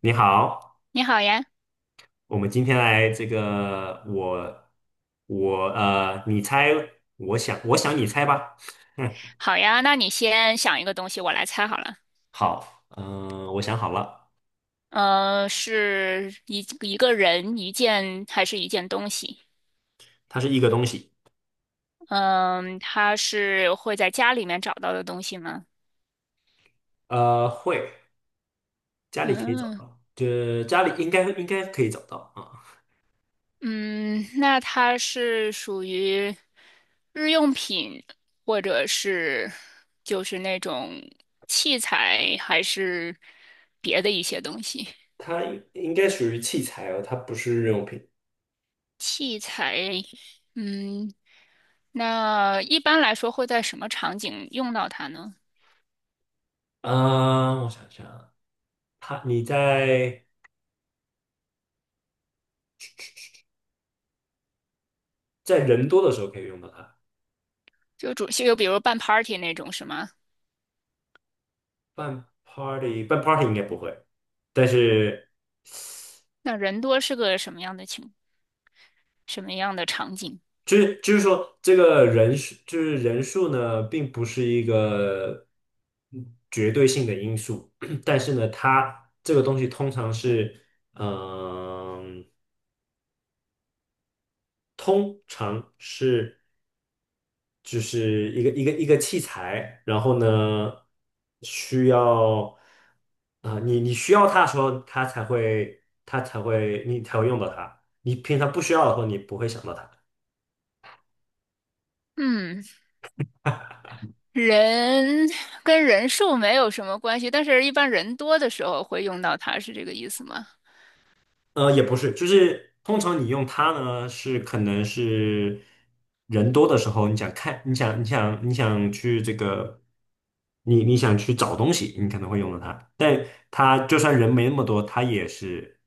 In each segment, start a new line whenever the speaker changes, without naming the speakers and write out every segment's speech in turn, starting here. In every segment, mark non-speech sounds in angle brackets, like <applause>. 你好，
你好呀。
我们今天来这个我我呃，你猜。我想你猜吧。<laughs>
好呀，那你先想一个东西，我来猜好了。
好，我想好了，
是一个人、一件还是一件东西？
它是一个东西。
嗯、它是会在家里面找到的东西吗？
会家里可以找
嗯
到，就家里应该可以找到啊。
嗯，那它是属于日用品，或者是就是那种器材，还是别的一些东西？
它应该属于器材哦，它不是日用品。
器材，嗯，那一般来说会在什么场景用到它呢？
啊，我想想啊，你在人多的时候可以用到它。
就比如办 party 那种是吗？
办 party 应该不会，但是。
那人多是个什么样的场景？
就是说，这个人数就是人数呢，并不是一个绝对性的因素。<clears throat> 但是呢，它这个东西通常是，嗯、通常是就是一个器材。然后呢，需要啊，你需要它的时候，它才会它才会你才会用到它。你平常不需要的时候，你不会想到它。
嗯，人跟人数没有什么关系，但是一般人多的时候会用到它，是这个意思吗？
也不是，就是通常你用它呢，是可能是人多的时候，你想看，你想去这个，你想去找东西，你可能会用到它。但它就算人没那么多，它也是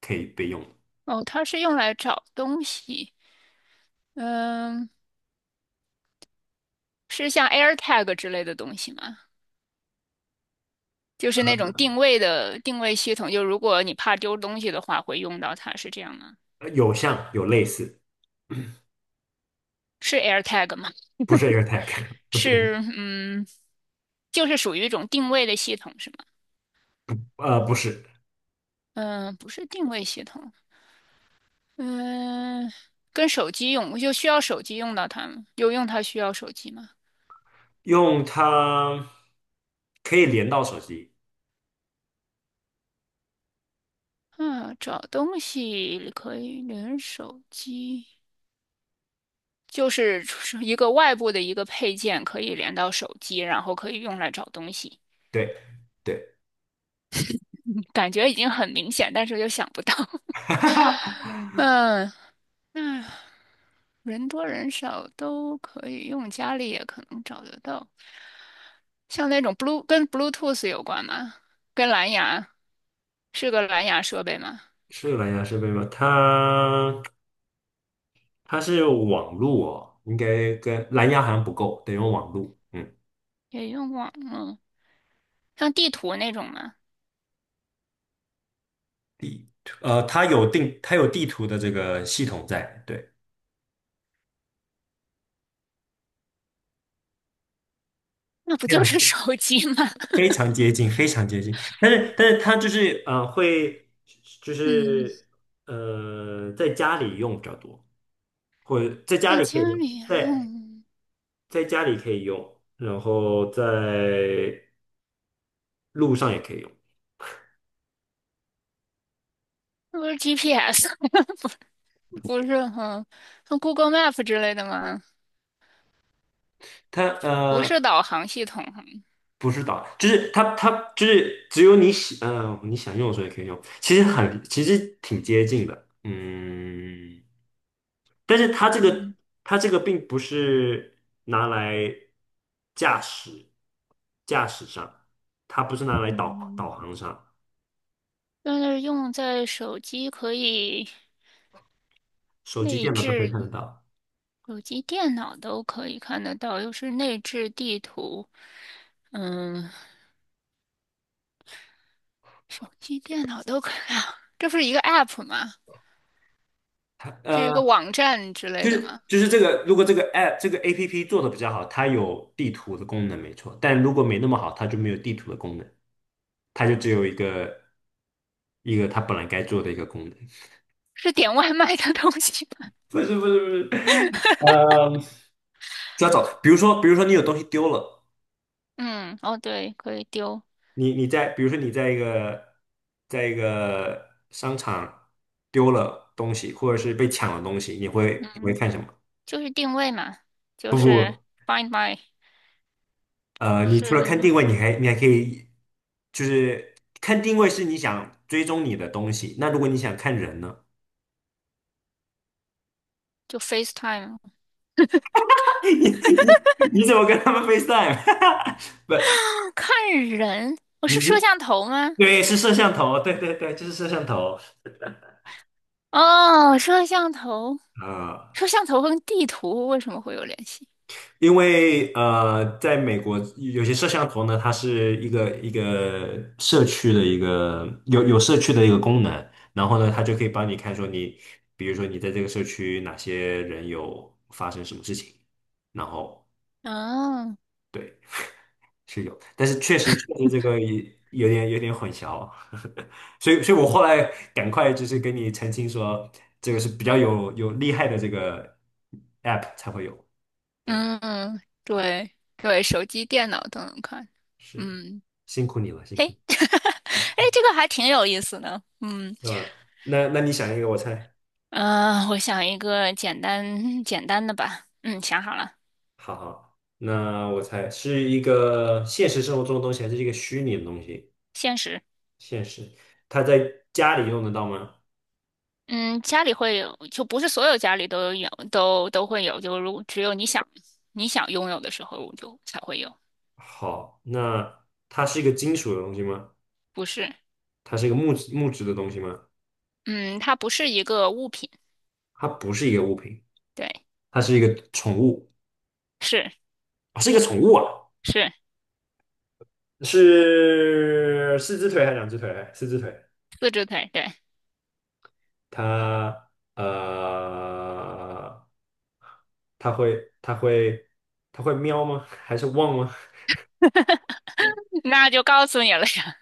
可以被用的。
哦，它是用来找东西，嗯，是像 AirTag 之类的东西吗？就是那种定位系统，就如果你怕丢东西的话，会用到它，是这样吗？
有像有类似，
是 AirTag 吗？
不是 AirTag，<laughs> 不是。
是嗯，就是属于一种定位的系统是吗？
不是。
嗯、不是定位系统。嗯、跟手机用就需要手机用到它吗？有用它需要手机吗？
用它可以连到手机，
嗯，找东西可以连手机，就是一个外部的一个配件可以连到手机，然后可以用来找东西。<laughs>
对对。
嗯，感觉已经很明显，但是又想不到。<laughs>
<laughs>
嗯，那人多人少都可以用，家里也可能找得到。像那种 Blue 跟 Bluetooth 有关吗？跟蓝牙是个蓝牙设备吗？
是蓝牙设备吗？它是网络。哦，应该跟蓝牙好像不够，得用网络。
也用过，嗯，像地图那种吗？
它有地图的这个系统在，对。
那不
非
就
常
是手机吗？<laughs>
非常接近，非常接近。但是它就是会就
嗯，
是在家里用比较多，或者在家
在
里可以
家
用，
里，嗯，
在家里可以用，然后在路上也可以用。
那不是 GPS，<laughs> 不是，哈，像 Google Map 之类的吗？
它
不
呃，
是导航系统哈，
不是导，就是它就是只有你喜，你想用的时候也可以用。其实挺接近的，但是它这个
嗯
并不是拿来驾驶驾驶上。它不是拿来导导
嗯，
航上，
但是用在手机可以
手机、
内
电脑都可以
置，
看得到。
手机、电脑都可以看得到，又是内置地图，嗯，手机、电脑都可以啊，这不是一个 app 吗？是一
呃。
个网站之类
就
的
是
吗？
就是这个，如果这个 app 做的比较好，它有地图的功能没错。但如果没那么好，它就没有地图的功能，它就只有一个它本来该做的一个功能。<laughs>
是点外卖的东西吗？
不是不是不是，嗯，就要找，比如说你有东西丢了。
<laughs> 嗯，哦，对，可以丢，
你你在比如说你在一个商场丢了东西，或者是被抢了东西，你会
嗯，
看什么？
就是定位嘛，就
不
是
不。
Find My，不
你除
是，
了看定位，你还可以，就是看定位是你想追踪你的东西。那如果你想看人呢？
就 FaceTime。
<laughs> 你你你怎么跟他们 FaceTime？<laughs> 不，
啊，看人，我
你
是摄
你
像头吗？
对是摄像头，对对对，就是摄像头。
哦，摄像头，
啊，
摄像头跟地图为什么会有联系？
因为在美国有些摄像头呢，它是一个社区的一个有社区的一个功能。然后呢，它就可以帮你看说你，比如说你在这个社区哪些人有发生什么事情，然后。
哦，
对，是有。但是确实这个也有点混淆，所以我后来赶快就是跟你澄清说，这个是比较有厉害的这个 app 才会有，对，
嗯，对对，手机、电脑都能看。
是。
嗯，
辛苦你了，辛
嘿。
苦你
<laughs> 哎，这个还挺有意思的。嗯，
是吧？那你想一个，我猜。
我想一个简单简单的吧。嗯，想好了，
好好，那我猜是一个现实生活中的东西，还是一个虚拟的东西？
现实。
现实，它在家里用得到吗？
嗯，家里会有，就不是所有家里都有，都会有。就如果只有你想你想拥有的时候，就才会有。
好，那它是一个金属的东西吗？
不是，
它是一个木质的东西吗？
嗯，它不是一个物品。
它不是一个物品，
对，
它是一个宠物。
是
哦，是一个宠物啊。
是
是四只腿还是两只腿？四只腿。
四只腿。对。
他呃，他会他会他会喵吗？<laughs> 还是汪吗？
<laughs> 那就告诉你了呀。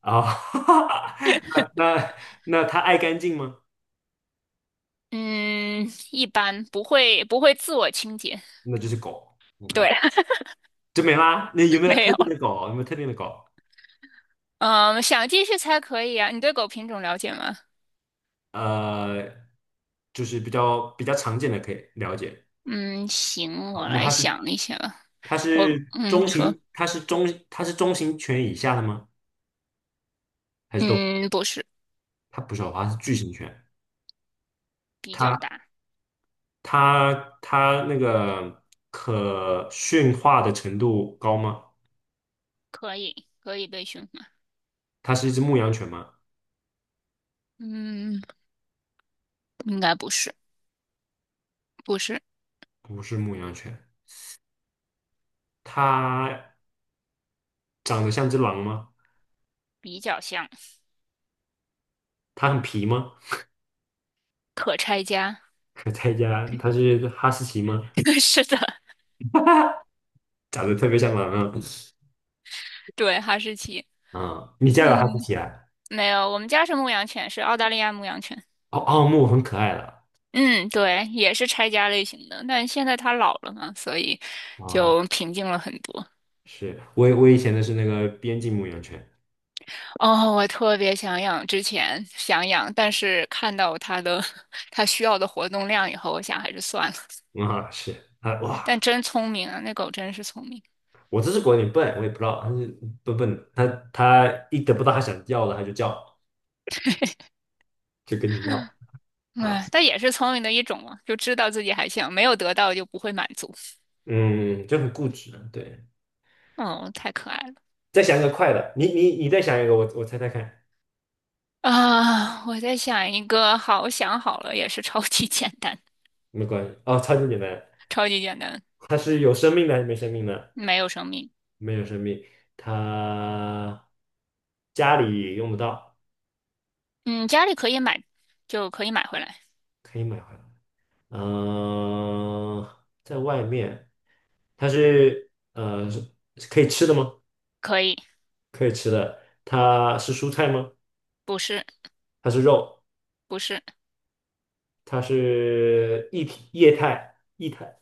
啊，<laughs> 那那那它爱干净吗？
嗯，一般不会不会自我清洁。
那就是狗，OK，
对。
就没啦。那有
<laughs>
没有
没
特
有。
定的狗？有没有特定的狗？
嗯，想继续猜可以啊。你对狗品种了解吗？
呃，就是比较常见的可以了解。
嗯，行，
好，
我
那
来
它是
想一下吧。嗯，
中
你说，
型，它是中型犬以下的吗？还是都？
嗯，不是，
它不是哦，它是巨型犬。
比较大，
它它那个可驯化的程度高吗？
可以，可以被驯化。
它是一只牧羊犬吗？
嗯，应该不是，不是，
不是牧羊犬，它长得像只狼吗？
比较像，
它很皮吗？
可拆家。
<laughs> 可在家，它是哈士奇吗？
<laughs> 是的，
长得特别像狼啊！
对，哈士奇。
啊，你家有哈士
嗯，
奇啊？
没有，我们家是牧羊犬，是澳大利亚牧羊犬。
哦，奥牧很可爱的
嗯，对，也是拆家类型的，但现在它老了嘛，所以
哦。
就平静了很多。
是我以前的是那个边境牧羊犬
哦，我特别想养，之前想养，但是看到它的 <laughs> 它需要的活动量以后，我想还是算了。
啊。是啊，
但
哇，
真聪明啊，那狗真是聪明。
我这只狗有点笨，我也不知道它是笨笨的。它一得不到它想要的，它就叫，就跟你闹。啊，
哎，但也是聪明的一种嘛，就知道自己还想，没有得到就不会满足。
嗯，就很固执了，对。
嗯，太可爱了。
再想一个快的，你再想一个，我猜猜看。
啊！我在想一个，好想好了，也是超级简单，
没关系，哦，超级简单。
超级简单，
它是有生命的还是没生命的？
没有生命。
没有生命。它家里用不到，
嗯，家里可以买，就可以买回来。
可以买回来。嗯、在外面，它是可以吃的吗？
可以，
可以吃的。它是蔬菜吗？
不是，
它是肉，
不是。
它是液态。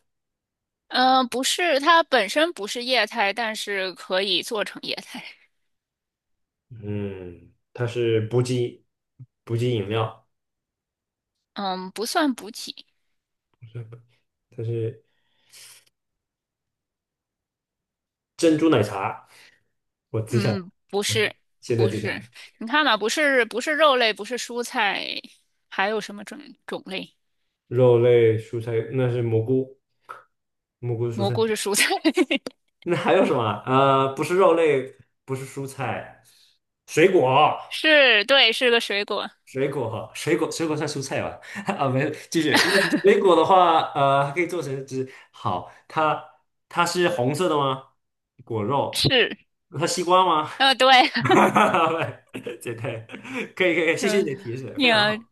嗯、不是，它本身不是液态，但是可以做成液态。
嗯，它是补给饮料。
嗯，不算补体。
它是珍珠奶茶。我只想，
嗯，不
我
是，
现在
不
只想。
是。你看嘛，不是，不是肉类，不是蔬菜，还有什么种类？
肉类、蔬菜，那是蘑菇，蘑菇是蔬
蘑
菜。
菇是蔬菜。
那还有什么啊？不是肉类，不是蔬菜，水果。
<laughs> 是，对，是个水果，
水果哈，水果算蔬菜吧？<laughs> 啊，没有，继续。那水果的话，它可以做成汁。好，它是红色的吗？果肉，
是。
它西瓜吗？
呃，对。
<laughs> 哈哈哈，简单，可以。
<laughs>
谢谢你
嗯，
的提示，
你
非常
啊，
好。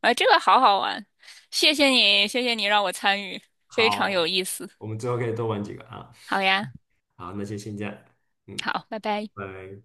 啊，这个好好玩，谢谢你，谢谢你让我参与，非常
好，
有意思。
我们之后可以多玩几个啊。
好呀，
好，那就先这样，嗯，
好，拜拜。
拜拜。